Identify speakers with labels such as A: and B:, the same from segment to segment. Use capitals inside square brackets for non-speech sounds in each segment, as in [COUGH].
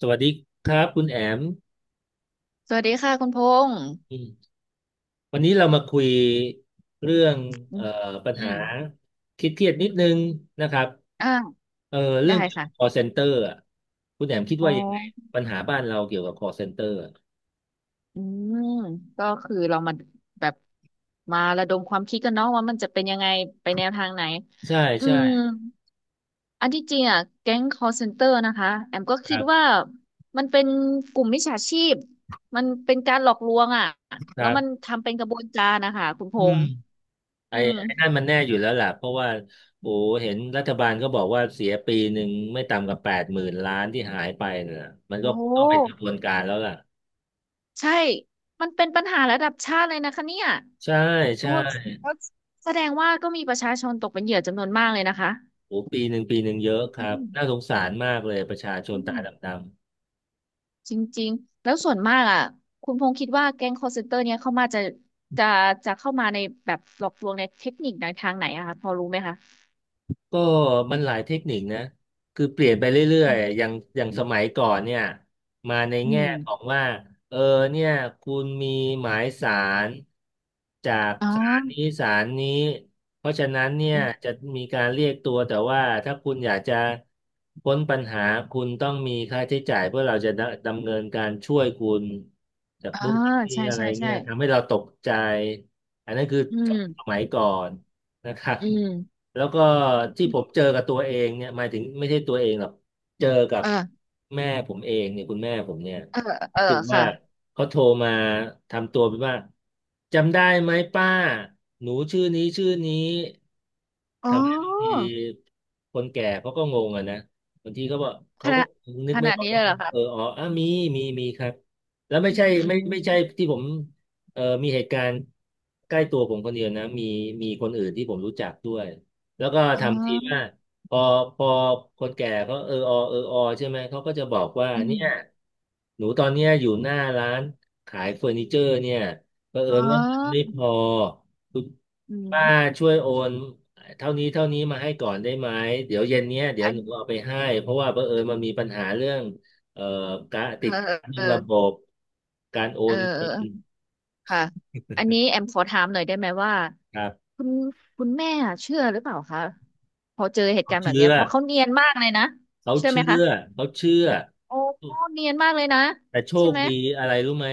A: สวัสดีครับคุณแอม
B: สวัสดีค่ะคุณพงษ์
A: อืมวันนี้เรามาคุยเรื่อง
B: อื
A: เอ่อ
B: ม
A: ปัญ
B: อื
A: หา
B: ม
A: คิดเครียดๆนิดนึงนะครับ
B: ่า
A: เอ่อเรื่
B: ได้
A: องเกี่ยวกับ
B: ค่ะ
A: call center อ่ะคุณแอมคิด
B: อ๋
A: ว่ายังไง
B: อ
A: ปัญหาบ้านเราเกี่ยวกับ call center อะ
B: อืมก็คือเรามาแบบมาระดมความคิดกันเนาะว่ามันจะเป็นยังไงไปแนวทางไหน
A: ใช่
B: อื
A: ใช่
B: ม อันที่จริงอ่ะแก๊ง call center นะคะแอมก็
A: ค
B: คิด
A: รับ
B: ว่ามันเป็นกลุ่มมิจฉาชีพ มันเป็นการหลอกลวงอ่ะ
A: ค
B: แล้
A: รั
B: วมัน
A: บ
B: ทำเป็นกระบวนการนะคะคุณพ
A: อืม
B: งษ์
A: ไอ้
B: อืม
A: ไอ้นั่นมันแน่อยู่แล้วล่ะเพราะว่าโอ้เห็นรัฐบาลก็บอกว่าเสียปีหนึ่งไม่ต่ำกว่าแปดหมื่นล้านที่หายไปน่ะมัน
B: โอ
A: ก็ต้องเป็นก
B: ้
A: ระบวนการแล้วล่ะ
B: ใช่ มันเป็นปัญหาระดับชาติเลยนะคะเนี่ย
A: ใช่
B: โอ้
A: ใช่
B: แสดงว่าก็มีประชาชนตกเป็นเหยื่อจำนวนมากเลยนะคะ
A: โอ้ปีหนึ่งปีหนึ่งเยอะค
B: อื
A: รับ
B: ม
A: น่าสงสารมากเลยประชาชน
B: อื
A: ตา
B: ม
A: ดำ
B: จริงๆแล้วส่วนมากอ่ะคุณพงษ์คิดว่าแก๊ง call center เนี่ยเข้ามาจะ จะเข้ามาในแบบหลอกลวงในเทคนิคในทางไหนอะคะพอรู้ไหมคะ
A: ก็มันหลายเทคนิคนะคือเปลี่ยนไปเรื่อ
B: อื
A: ย
B: ม
A: ๆอย่างสมัยก่อนเนี่ยมาใน
B: อ
A: แง่
B: ม
A: ของว่าเออเนี่ยคุณมีหมายศาลจาก
B: อ๋อ
A: ศาลนี้ศาลนี้เพราะฉะนั้นเนี่ย
B: อื
A: จะ
B: ม
A: มีการเรียกตัวแต่ว่าถ้าคุณอยากจะพ้นปัญหาคุณต้องมีค่าใช้จ่ายเพื่อเราจะดำเนินการช่วยคุณจาก
B: อ่า
A: นู่นจากนี่
B: ใช่
A: อะไร
B: ใช่
A: เนี่
B: ใช่
A: ยทำให้เราตกใจอันนั้นคือ
B: อื
A: ส
B: ม
A: มัยก่อน นะครับ
B: อืม
A: แล้วก็ที่ผมเจอกับตัวเองเนี่ยหมายถึงไม่ใช่ตัวเองหรอกเจอกับ
B: เออ
A: แม่ผมเองเนี่ยคุณแม่ผมเนี่ย
B: เออเออ
A: คือ
B: ค่ะ
A: ว่าเขาโทรมาทำตัวเป็นว่าจำได้ไหมป้าหนูชื่อนี้ชื่อนี้
B: อ๋อ
A: ทำให้บางทีคนแก่เขาก็งงอะนะบางทีเขาบอก
B: ข
A: เขา
B: นา
A: ก็
B: ด
A: นึก
B: ข
A: ไม่
B: นาด
A: ออก
B: นี้เล
A: ว่า
B: ยเหรอคะ
A: เอออ๋ออ่ะมีมีครับแล้วไม่
B: อืม
A: ใช่
B: อื
A: ไม่ใช่
B: ม
A: ที่ผม เออมีเหตุการณ์ใกล้ตัวผมคนเดียวนะมีมีคนอื่นที่ผมรู้จักด้วยแล้วก็
B: อ๋
A: ทำทีว่า
B: อ
A: พอพอคนแก่เขาเออออเออออใช่ไหมเขาก็จะบอกว่า
B: อืม
A: เนี่ยหนูตอนเนี้ยอยู่หน้าร้านขายเฟอร์นิเจอร์เนี่ยเผอิ
B: อ๋
A: ญว่าเงินไม่
B: อ
A: พอคุณ
B: อื
A: ป้า
B: ม
A: ช่วยโอนเท่านี้เท่านี้มาให้ก่อนได้ไหมเดี๋ยวเย็นเนี้ยเดี๋ย
B: อั
A: วห
B: น
A: นูเอาไปให้เพราะว่าเผอิญมันมีปัญหาเรื่องเอ่อการ
B: เอ
A: ติด
B: อ
A: ขัด
B: เอ
A: เรื่อ
B: อ
A: งระบบการโอ
B: เออ
A: นเงิ
B: เอ
A: น
B: อค่ะ อันนี้แอมขอถามหน่อยได้ไหมว่า
A: ครับ
B: คุณคุณแม่เชื่อหรือเปล่าคะพอเจอเหตุ
A: เขา
B: การณ์แบบเนี้
A: เชื่
B: ย
A: อ
B: เพราะเขาเนียนมากเลยนะ
A: เขา
B: เชื่อไหมคะ
A: เชื่อเขาเชื่อ
B: โอ้เนียนมากเลยนะ
A: แต่โช
B: ใช่
A: ค
B: ไหม
A: ดีอะไรรู้ไหม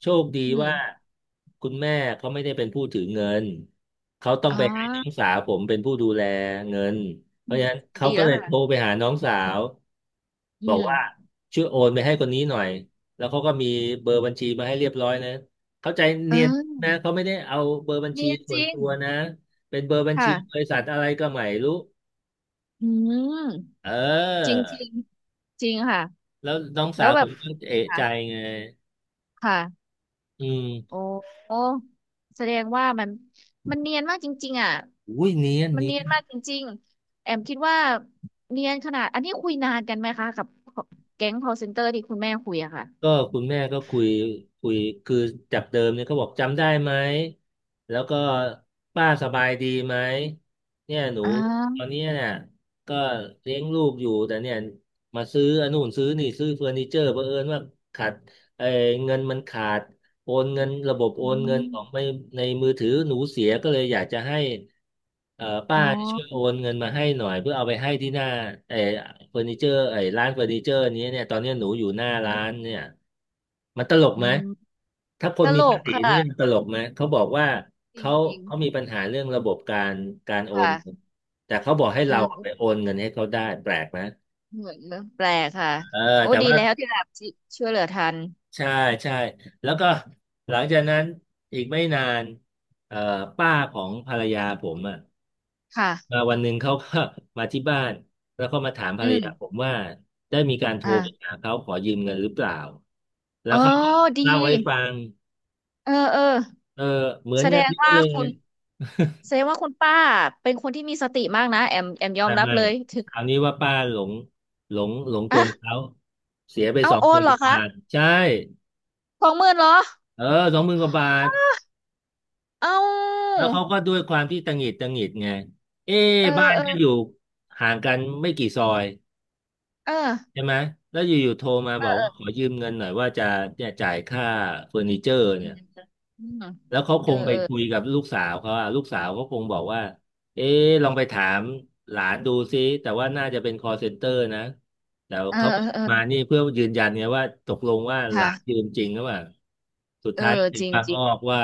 A: โชคดี
B: อืม
A: ว่าคุณแม่เขาไม่ได้เป็นผู้ถือเงินเขาต้อง
B: อ๋อ
A: ไปให้น้องสาวผมเป็นผู้ดูแลเงินเพ
B: อื
A: ราะ
B: ม
A: ฉะนั้นเขา
B: ดี
A: ก็
B: แล้ว
A: เลยโทร
B: ค่ะ
A: ไปหาน้องสาว
B: อื
A: บอก
B: ม
A: ว่าช่วยโอนไปให้คนนี้หน่อยแล้วเขาก็มีเบอร์บัญชีมาให้เรียบร้อยนะเข้าใจเนียน
B: เออ
A: นะเขาไม่ได้เอาเบอร์บัญชี
B: เนียน
A: ส่
B: จ
A: วน
B: ริง
A: ตัวนะเป็นเบอร์บัญชีบ
B: ค่ะ
A: ริษัทอะไรก็ไม่รู้
B: อืม
A: เอ
B: จริงจริง
A: อ
B: จริงค่ะ
A: แล้วน้อง
B: แล้
A: สา
B: ว
A: ว
B: แบ
A: ผ
B: บ
A: มก็เอะ
B: ค่ะ
A: ใจไง
B: ค่ะ
A: อื
B: โอ้
A: ม
B: โอ้แสดงว่ามันเนียนมากจริงๆอ่ะ
A: อุ้ยเนียน
B: มัน
A: เนี
B: เนี
A: ย
B: ยน
A: น
B: มากจริงๆ แอมคิดว่าเนียนขนาด อันนี้คุยนานกันไหมคะกับแก๊ง call center ที่คุณแม่คุยอะค่ะ
A: ก็คุณแม่ก็คุยคุยคือจากเดิมเนี่ยก็บอกจำได้ไหม แล้วก็ป้าสบายดีไหมเนี่ยหนู
B: อ่
A: ตอน
B: า
A: เนี้ยเนี่ยก็เลี้ยงลูกอยู่แต่เนี่ยมาซื้ออันนู่นซื้อนี่ซื้อเฟอร์นิเจอร์เผอิญว่าขาดเออเงินมันขาด โอนเงินระบบโอ
B: อื
A: นเงิน
B: ม
A: ของไม่ในมือถือหนูเสียก็เลยอยากจะให้
B: อ๋
A: ป้า
B: อ
A: ช่วยโอนเงินมาให้หน่อยเพื่อเอาไปให้ที่หน้าไอ้เฟอร์นิเจอร์ไอ้ร้านเฟอร์นิเจอร์นี้เนี่ยตอนเนี้ยหนูอยู่หน้าร้านเนี่ยมันตลก
B: อื
A: ไหม
B: ม
A: ถ้าค
B: ต
A: นมี
B: ล
A: ภา
B: ก
A: ษีนี่มัน
B: ค่ะ
A: ตลกไหมเขาบอกว่า
B: จ
A: เขา
B: ริง
A: เขามีปัญหาเรื่องระบบการ
B: ๆ
A: โอน
B: ค่ะ
A: แต่เขาบอกให้เราไป
B: เออ
A: โอนเงินให้เขาได้แปลกไหม
B: เหมือนเรื่องแปลกค่ะ
A: เออ
B: โอ้
A: แต่
B: ดี
A: ว่า
B: แล้วที่แบบที่ช่วยเหลือทัน
A: ใช่ใช่แล้วก็หลังจากนั้นอีกไม่นานเอ่อป้าของภรรยาผมอ่ะมา
B: ค่ะ
A: วันหนึ่งเขาก็ [LAUGHS] มาที่บ้านแล้วก็มาถามภร
B: อื
A: ร
B: ม
A: ยาผมว่าได้มีการโทร
B: อ่า
A: ไปหาเขาขอยืมเงินหรือเปล่าแล้
B: อ๋
A: ว
B: อ
A: เขาก็
B: ดี
A: เล่าให้ฟัง
B: เออเออ
A: เออเหมือ
B: แส
A: น
B: ด
A: กัน
B: ง
A: เป๊ะ
B: ว่า
A: เลย
B: คุณ
A: [LAUGHS]
B: แสดงว่าคุณป้าเป็นคนที่มีสติมากนะแอมยอ
A: ไม่
B: มรับ
A: ไม่
B: เลยถึง
A: คราวนี้ว่าป้าหลงหลงก
B: อ่ะ
A: ลเขาเสียไปส
B: เอา
A: อง
B: โอ
A: หมื่
B: น
A: น
B: เห
A: ก
B: รอ
A: ว่า
B: คะ
A: บาทใช่
B: สองหมื่นเหรอ
A: เออสองหมื่นกว่าบาท
B: เอา
A: แล้วเขาก็ด้วยความที่ตังหงิดตังหงิดไงเอ๊ะ
B: เออ
A: บ้าน
B: เออ
A: ก็อยู่ห่างกันไม่กี่ซอย
B: เออ
A: ใช่ไหมแล้วอยู่ๆโทรมา
B: เอ
A: บอ
B: อ
A: ก
B: เอ
A: ว่าข
B: อ
A: อยืมเงินหน่อยว่าจะเนี่ยจ่ายค่าเฟอร์นิเจอร์
B: อื
A: เนี่
B: ม
A: ย
B: อืม
A: แล้วเขาค
B: เออ
A: งไป
B: เออ
A: คุยกับลูกสาวเขาอะลูกสาวเขาคงบอกว่าเอ๊ะลองไปถามหลานดูซิแต่ว่าน่าจะเป็น call center นะแต่
B: เออ
A: เขา
B: เออเออ
A: มานี่เพื่อยืนยันไงว่าตกลงว่าหลา
B: ค่ะ
A: นยืมจริงหรือเปล่าสุด
B: เออ
A: ท้ายถึ
B: จ
A: ง
B: ริง
A: บาง
B: จริง
A: อ้อว่า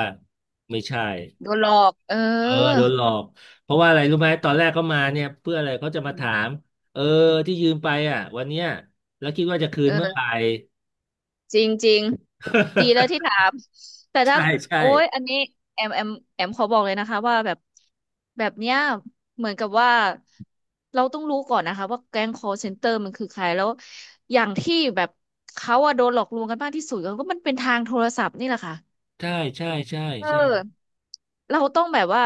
A: ไม่ใช่
B: โดนหลอกเออ
A: เออโดนหลอกเพราะว่าอะไรรู้ไหมตอนแรกเขามาเนี่ยเพื่ออะไรเขาจะมาถามเออที่ยืมไปอ่ะวันเนี้ยแล้วคิดว่าจะคื
B: เอ
A: นเมื่อไหร่
B: อ จริงจริงดีแล้วที่
A: [LAUGHS]
B: ถามแต่ถ้า
A: ใช่ใช่
B: โอ้ยอันนี้แอมแอมแอมขอบอกเลยนะคะว่าแบบแบบเนี้ยเหมือนกับว่าเราต้องรู้ก่อนนะคะว่าแก๊ง call center มันคือใครแล้วอย่างที่แบบเขาอะโดนหลอกลวงกันมากที่สุดก็มันเป็นทางโทรศัพท์นี่แหละค่ะ
A: ใช่ใช่ใช่
B: เออ
A: ใช่
B: เราต้องแบบว่า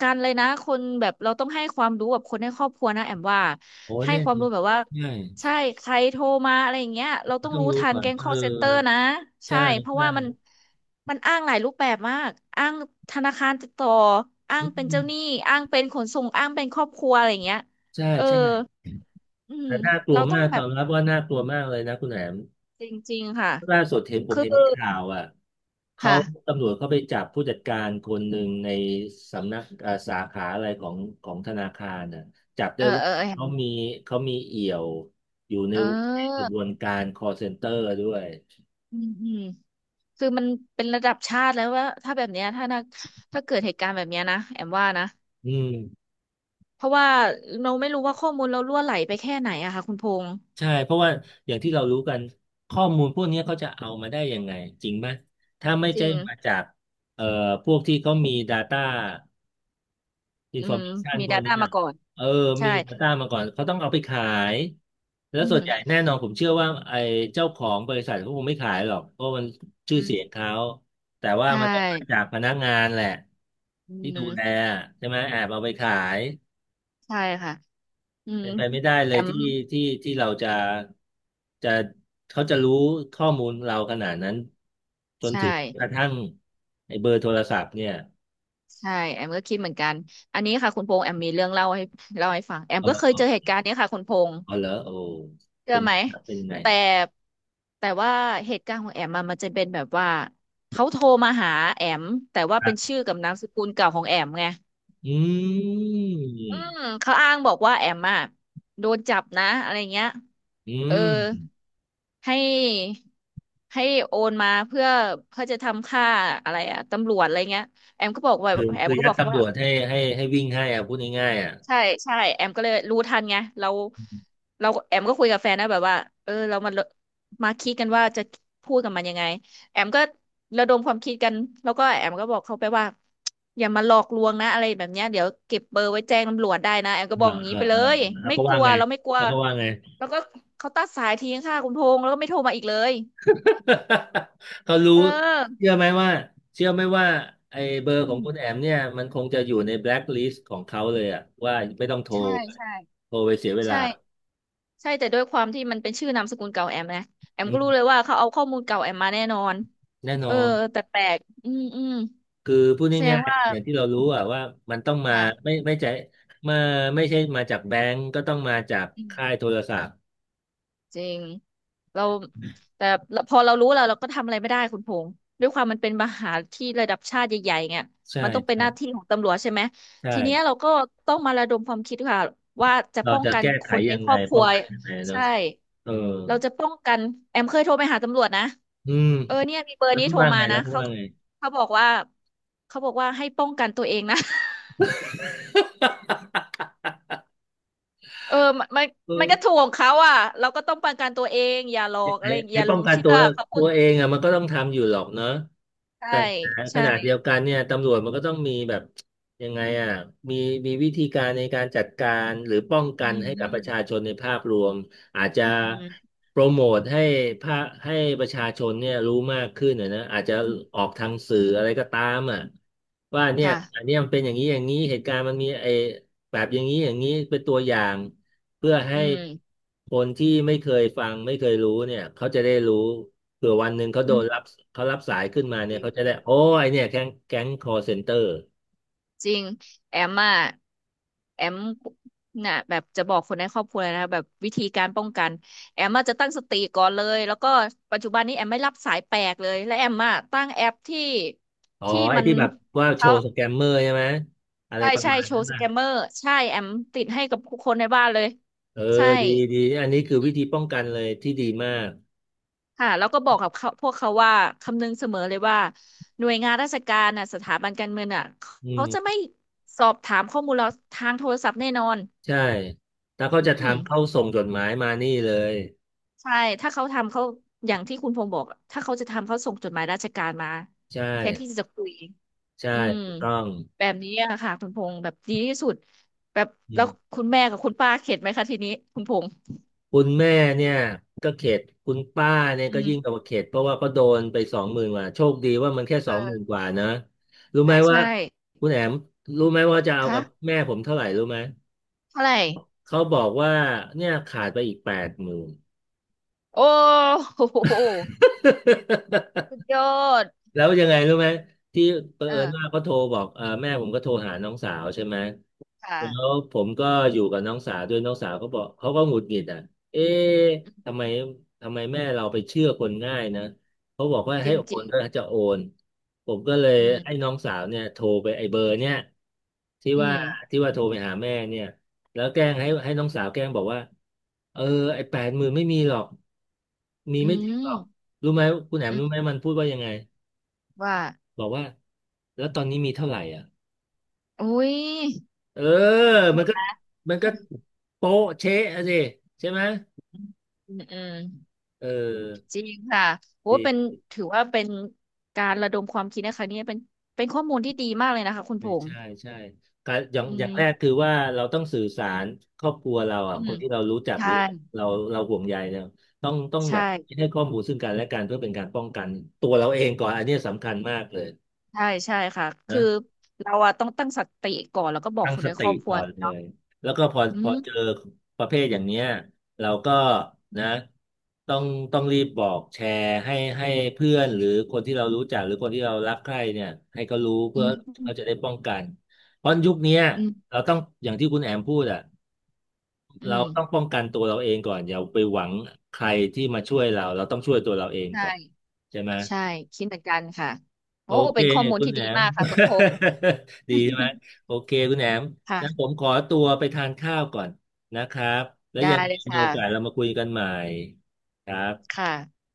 B: การเลยนะคนแบบเราต้องให้ความรู้กับคนในครอบครัวนะแอมว่า
A: โอ้
B: ให้
A: เนี่ย
B: ความรู้แบบว่า
A: ใช่
B: ใช่ใครโทรมาอะไรอย่างเงี้ยเรา
A: มั
B: ต้
A: น
B: อง
A: ต้อง
B: รู้
A: รู้
B: ทัน
A: ก่อน
B: แก๊ง
A: เออ
B: call center นะใช่
A: ใช่
B: เพราะ
A: ใช่
B: ว่ามันอ้างหลายรูปแบบมากอ้างธนาคารติดต่ออ้า
A: อ
B: งเป็น
A: ื
B: เจ้าหนี้
A: ม
B: อ้างเป็นขนส่งอ้างเป็นครอบครัวอะไรอย่างเงี้ย
A: ใช่
B: เออ
A: ใช่
B: อืม
A: แต่น่ากลัว
B: เราต้อ
A: มา
B: ง
A: ก
B: แบ
A: ตอ
B: บ
A: นรับว่าน่ากลัวมากเลยนะคุณแหนม
B: จริงๆค่ะ
A: ล่าสุดเห็นผม
B: คือ
A: เห็นในข่าวอ่ะเขา
B: ค่ะ
A: ตำรวจเขาไปจับผู้จัดการคนหนึ่งในสำนักสาขาอะไรของธนาคารน่ะจับ
B: เอ
A: ได้
B: อ
A: ว่า
B: เออเห็น
A: เขามีเอี่ยวอยู่ในกระ
B: เออ
A: บวนการ call center ด้วย
B: อืมอืม คือมันเป็นระดับชาติแล้วว่าถ้าแบบเนี้ยถ้านะถ้าเกิดเหตุการณ์แบบเนี้ยนะแอมว่านะ
A: อืม
B: เพราะว่าเราไม่รู้ว่าข้อมูลเรารั่วไหลไปแค่ไหนอะค่ะคุณพงษ์
A: ใช่เพราะว่าอย่างที่เรารู้กันข้อมูลพวกนี้เขาจะเอามาได้ยังไงจริงไหมถ้าไม่
B: จ
A: ใช่
B: ริง
A: มาจากเอ่อพวกที่เขามี Data อิน
B: อื
A: ฟอร์
B: ม
A: เมชัน
B: มี
A: พวก
B: Data
A: นี้อ่ะ
B: มาก่อน
A: เออ
B: ใช่
A: มี Data มาก่อนเขาต้องเอาไปขายแล้ว
B: อื
A: ส่ว
B: ม
A: นใหญ่แน่นอนผมเชื่อว่าไอ้เจ้าของบริษัทเขาคงไม่ขายหรอกเพราะมันชื่อ
B: อืม
A: เสียงเขาแต่ว่า
B: ใช
A: มันต้องมา
B: ่
A: จากพนักงานแหละ
B: อื
A: ที่ดูแล
B: ม
A: ใช่ไหมแอบเอาไปขาย
B: ใช่ค่ะอืม
A: เป็นไปไม่ได้เล
B: แอ
A: ย
B: ม
A: ที่เราจะจะเขาจะรู้ข้อมูลเราขนาดนั้นจน
B: ใช่
A: ถึงกระทั่งไอ้เบอร์โทรศัพท์เนี่ย
B: ใช่แอมก็คิดเหมือนกันอันนี้ค่ะคุณพงษ์แอมมีเรื่องเล่าให้เล่าให้ฟังแอมก็เคย
A: เออ
B: เจอเหตุการณ์เนี้ยค่ะคุณพงษ์
A: เออเหรอโอ้
B: เชื่อ
A: เป็น
B: ไหม
A: เป็นยังไง
B: แต่แต่ว่าเหตุการณ์ของแอมอะมันจะเป็นแบบว่าเขาโทรมาหาแอมแต่ว่าเป็นชื่อกับนามสกุลเก่าของแอมไง
A: อื
B: อื
A: ม
B: มเขาอ้างบอกว่าแอมอะโดนจับนะอะไรเงี้ย
A: อื
B: เออ
A: ม
B: ให้ให้โอนมาเพื่อจะทำค่าอะไรอะตำรวจอะไรเงี้ยแอมก็บอกว่า
A: คือ
B: แอม
A: คือ
B: ก็
A: ยั
B: บ
A: ด
B: อกเขา
A: ตำร
B: ว่า
A: วจให้วิ่งให้อ่ะพูดง่ายๆอ่ะ
B: ใช่ใช่แอมก็เลยรู้ทันไงเราแอมก็คุยกับแฟนนะแบบว่าเออเรามาคิดกันว่าจะพูดกับมันยังไงแอมก็ระดมความคิดกันแล้วก็แอมก็บอกเขาไปว่าอย่ามาหลอกลวงนะอะไรแบบเนี้ยเดี๋ยวเก็บเบอร์ไว้แจ้งตำรวจได้นะแอมก็บ
A: เอ
B: อก
A: อ
B: อย่าง
A: เอ
B: นี้
A: อ
B: ไปเล
A: เออ
B: ย
A: แล้ว
B: ไม่
A: ก็
B: ก
A: ว่า
B: ลัว
A: ไง
B: เราไม่กลัว
A: แล้วก็ว่าไง
B: แล้วก็เขาตัดสายทิ้งค่ะคุณพงษ์แล้วก็ไม่โทรมาอีกเลย
A: [LAUGHS] เขารู้
B: เออ
A: เชื่อไหมว่าเชื่อไหมว่าไอ้เบอร์
B: อื
A: ของ
B: ม
A: คุณแอมเนี่ยมันคงจะอยู่ในแบล็คลิสต์ของเขาเลยอ่ะว่าไม่ต้องโทร
B: ใช่ใช่
A: โทรไปเสียเวลา
B: ใช่ ใช่แต่ด้วยความที่มันเป็นชื่อนามสกุลเก่าแอมนะแอม
A: อื
B: ก็รู้เลย
A: ม
B: ว่าเขาเอาข้อมูลเก่าแอมมาแน่นอน
A: แน่น
B: เอ
A: อ
B: อ
A: น
B: แปลกๆอืมอืม
A: คือพูด
B: แสดง
A: ง่าย
B: ว่า
A: ๆอย่างที่เรารู้อ่ะว่ามันต้องมาไม่
B: ค่ะ
A: ไม่ใช่มาไม่ใช่มาจากแบงก์ก็ต้องมาจาก
B: อื
A: ค่าย
B: ม
A: โทรศัพท์
B: จริงเราแต่พอเรารู้แล้วเราก็ทำอะไรไม่ได้คุณพงษ์ด้วยความมันเป็นมหาที่ระดับชาติใหญ่ๆเนี่ย
A: ใช่
B: มันต้องเป็น
A: ใช่
B: หน้าที่ของตำรวจใช่ไหม
A: ใช่
B: ทีเนี้ยเราก็ต้องมาระดมความคิดค่ะว่าจะ
A: เรา
B: ป้อง
A: จะ
B: กัน
A: แก้
B: ค
A: ไข
B: นใน
A: ยัง
B: ค
A: ไง
B: รอบค
A: ป้
B: รั
A: อ
B: ว
A: งกันยังไงเนาะ
B: ใช่
A: เออ
B: เราจะป้องกันแอมเคยโทรไปหาตำรวจนะ
A: อืม
B: เออเนี่ยมีเบอร์
A: แล้ว
B: นี้
A: ก็
B: โทร
A: ว่า
B: มา
A: ไง
B: นะเขาเขาบอกว่าเขาบอกว่าให้ป้องกันตัวเองนะ [LAUGHS]
A: [LAUGHS]
B: เออมันมัน
A: เอ
B: มันก็ถู
A: อ
B: กของเขาอ่ะเราก็ต้องป้องกันตัวเองอย่าหลอ
A: ไอ้
B: กอะไรอย่างอ
A: ไอ้
B: ย่าหล
A: ป้อง
B: ง
A: กัน
B: เชื่
A: ตั
B: อ
A: ว
B: เขาพู
A: ตั
B: ดอ
A: ว
B: ย่าง
A: เอ
B: นี้
A: งอ่ะมันก็ต้องทำอยู่หรอกเนอะแต่
B: ใช่
A: ข
B: ใช่
A: นาดเดียวกันเนี่ยตำรวจมันก็ต้องมีแบบยังไงอ่ะมีมีวิธีการในการจัดการหรือป้องกั
B: อื
A: น
B: ม
A: ให้
B: อื
A: กับ
B: ม
A: ประชาชนในภาพรวมอาจจะ
B: อืม
A: โปรโมทภาให้ประชาชนเนี่ยรู้มากขึ้นนะอาจจะออกทางสื่ออะไรก็ตามอ่ะว่าเนี่ยอัน
B: ค่ะ
A: เนี้ยมันเป็นอย่างนี้อย่างนี้เหตุการณ์มันมีไอ้แบบอย่างนี้อย่างนี้เป็นตัวอย่าง เพื่อ
B: อื
A: ให้
B: ม
A: คนที่ไม่เคยฟังไม่เคยรู้เนี่ยเขาจะได้รู้เผื่อวันหนึ่งเขาโด
B: อื
A: นรับ
B: ม
A: เขารับสายขึ้นมา
B: จ
A: เนี่ย
B: ริง
A: เขาจะ
B: จ
A: ได้
B: ริง
A: โอ้ไอเนี่ยแก๊งคอเซ็นเตอร์
B: จริงแอมอ่ะแอมน่ะแบบจะบอกคนในครอบครัวเลยนะแบบวิธีการป้องกันแอมอ่ะจะตั้งสติก่อนเลยแล้วก็ปัจจุบันนี้แอมไม่รับสายแปลกเลยและแอมอ่ะตั้งแอปที่
A: อ๋อ
B: ที่
A: ไอ้
B: มัน
A: ที่แบบว่าโช
B: เขา
A: ว์สแกมเมอร์ใช่ไหมอะไร
B: ใช่
A: ประ
B: ใช่
A: มาณ
B: โช
A: นั้น
B: ว์ส
A: นะ
B: แกมเมอร์ใช่แอมติดให้กับทุกคนในบ้านเลย
A: เออ
B: ใช่
A: ดีดีอันนี้คือวิธีป้องกันเลยที่ดีมาก
B: ค่ะแล้วก็บอกกับเขาพวกเขาว่าคำนึงเสมอเลยว่าหน่วยงานราชการน่ะสถาบันการเงินน่ะ
A: อื
B: เขาจะไม่
A: ม
B: สอบถามข้อมูลเราทางโทรศัพท์แน่นอน
A: ใช่ถ้าเขา
B: อื
A: จะ
B: ม
A: ทำเขาส่งจดหมายมานี่เลย
B: ใช่ถ้าเขาทำเขาอย่างที่คุณพงษ์บอกอะถ้าเขาจะทำเขาส่งจดหมายราชการมา
A: ใช่
B: แทนที่จะคุย
A: ใช่
B: อืม
A: ถูกต้อง
B: แบบนี้อะค่ะคุณพงษ์แบบดีที่สุดแบบ
A: อื
B: แล้ว
A: ม
B: คุณแม่กับคุณป้าเข็ดไหมคะทีนี้คุณพงษ์
A: คุณแม่เนี่ยก็เข็ดคุณป้าเนี่ย
B: อื
A: ก็ยิ่
B: ม
A: งกว่าเข็ดเพราะว่าก็โดนไปสองหมื่นกว่าโชคดีว่ามันแค่ส
B: เอ
A: องหมื่นก
B: อ
A: ว่านะรู้ไห
B: ใช่
A: มว่า
B: ใช่
A: คุณแอมรู้ไหมว่าจะเอา
B: คะ
A: กับแม่ผมเท่าไหร่รู้ไหม
B: เท่าไหร่
A: เขาบอกว่าเนี่ยขาดไปอีกแปดหมื่น
B: โอ้โห
A: [LAUGHS]
B: สุดยอด
A: แล้วยังไงรู้ไหมที่เผ
B: เอ
A: อิญ
B: อ
A: ว่าเขาโทรบอกเออแม่ผมก็โทรหาน้องสาวใช่ไหม
B: ค
A: แล้ว
B: ่ะ
A: ผมก็อยู่กับน้องสาวด้วยน้องสาวก็บอกเขาก็หงุดหงิดอ่ะเอ๊ะทำไมทำไมแม่เราไปเชื่อคนง่ายนะเขาบอกว่า
B: จ
A: ให้
B: ริง
A: โอ
B: จริ
A: น
B: ง
A: ก็จะโอนผมก็เลย
B: อืม
A: ให้น้องสาวเนี่ยโทรไปไอ้เบอร์เนี่ยที่
B: อื
A: ว่า
B: ม
A: ที่ว่าโทรไปหาแม่เนี่ยแล้วแกล้งให้น้องสาวแกล้งบอกว่าเออไอ้แปดหมื่นไม่มีหรอกมี
B: อื
A: ไม่ถึงห
B: ม
A: รอกรู้ไหมคุณแหม่ม
B: อื
A: รู้ไหม
B: ม
A: มันพูดว่ายังไง
B: ว่า
A: บอกว่าแล้วตอนนี้มีเท่าไหร่อ่ะ
B: อุ้ย
A: เออมันก็มันก็โป๊ะเช๊ะอะสิใช่ไหม
B: อืมอืม
A: เออ
B: จริงค่ะโอ้
A: ดี
B: เป็นถือว่าเป็นการระดมความคิดนะคะเนี่ยเป็นข้อมูลที่ดีมากเลยนะคะคุณ
A: เอ
B: พ
A: อ
B: งษ์
A: ใช่ใช่การอย่าง
B: อื
A: อย่า
B: ม
A: งแรกคือว่าเราต้องสื่อสารครอบครัวเรา
B: [COUGHS]
A: อ่ะ
B: อื
A: ค
B: ม
A: นที่เรารู้จักห
B: ใช่
A: รือเราเราห่วงใยเนี่ยต้องแบ
B: ใช่
A: บให้ข้อมูลซึ่งกันและกันเพื่อเป็นการป้องกันตัวเราเองก่อนอันเนี้ยสำคัญมากเลย
B: ใช่ใช่ค่ะคื
A: นะ
B: อเราอะต้องตั้งสติก่อนแล้วก็บอก
A: ตั้ง
B: คน
A: ส
B: ในค
A: ติ
B: รอบครัว
A: ก่อนเล
B: เนาะ
A: ยแล้วก็พอ
B: อื
A: พอ
B: ม
A: เจอประเภทอย่างเนี้ยเราก็นะต้องต้องรีบบอกแชร์ให้เพื่อนหรือคนที่เรารู้จักหรือคนที่เรารักใคร่เนี่ยให้เขารู้
B: อื
A: เพื่อเขาจะ
B: ม
A: ได้ป้องกันเพราะยุคเนี้ย
B: อืม
A: เราต้องอย่างที่คุณแอมพูดอ่ะ
B: อื
A: เรา
B: ม
A: ต้องป้องกันตัวเราเองก่อนอย่าไปหวังใครที่มาช่วยเราเราต้องช่วยตัวเราเอง
B: ใช่
A: ก่อนใช่ไหม
B: ใช่คิดเหมือนกันค่ะ
A: โอ
B: โอ้
A: เค
B: เป็นข้อมูล
A: คุณ
B: ที่
A: แหน
B: ดี
A: ม
B: มากค่ะคุณพงษ์
A: [LAUGHS] ดีใช่ไหม
B: [LAUGHS]
A: โอเคคุณแหนมงั้นะผ
B: ค่ะ
A: มขอตัวไปทานข้าวก่อนนะครับแล้ว
B: ได้
A: ยังไง
B: เลยค
A: มีโอกาสเรา
B: ่ะ
A: มาคุยกันใหม่ครับ
B: ค่ะ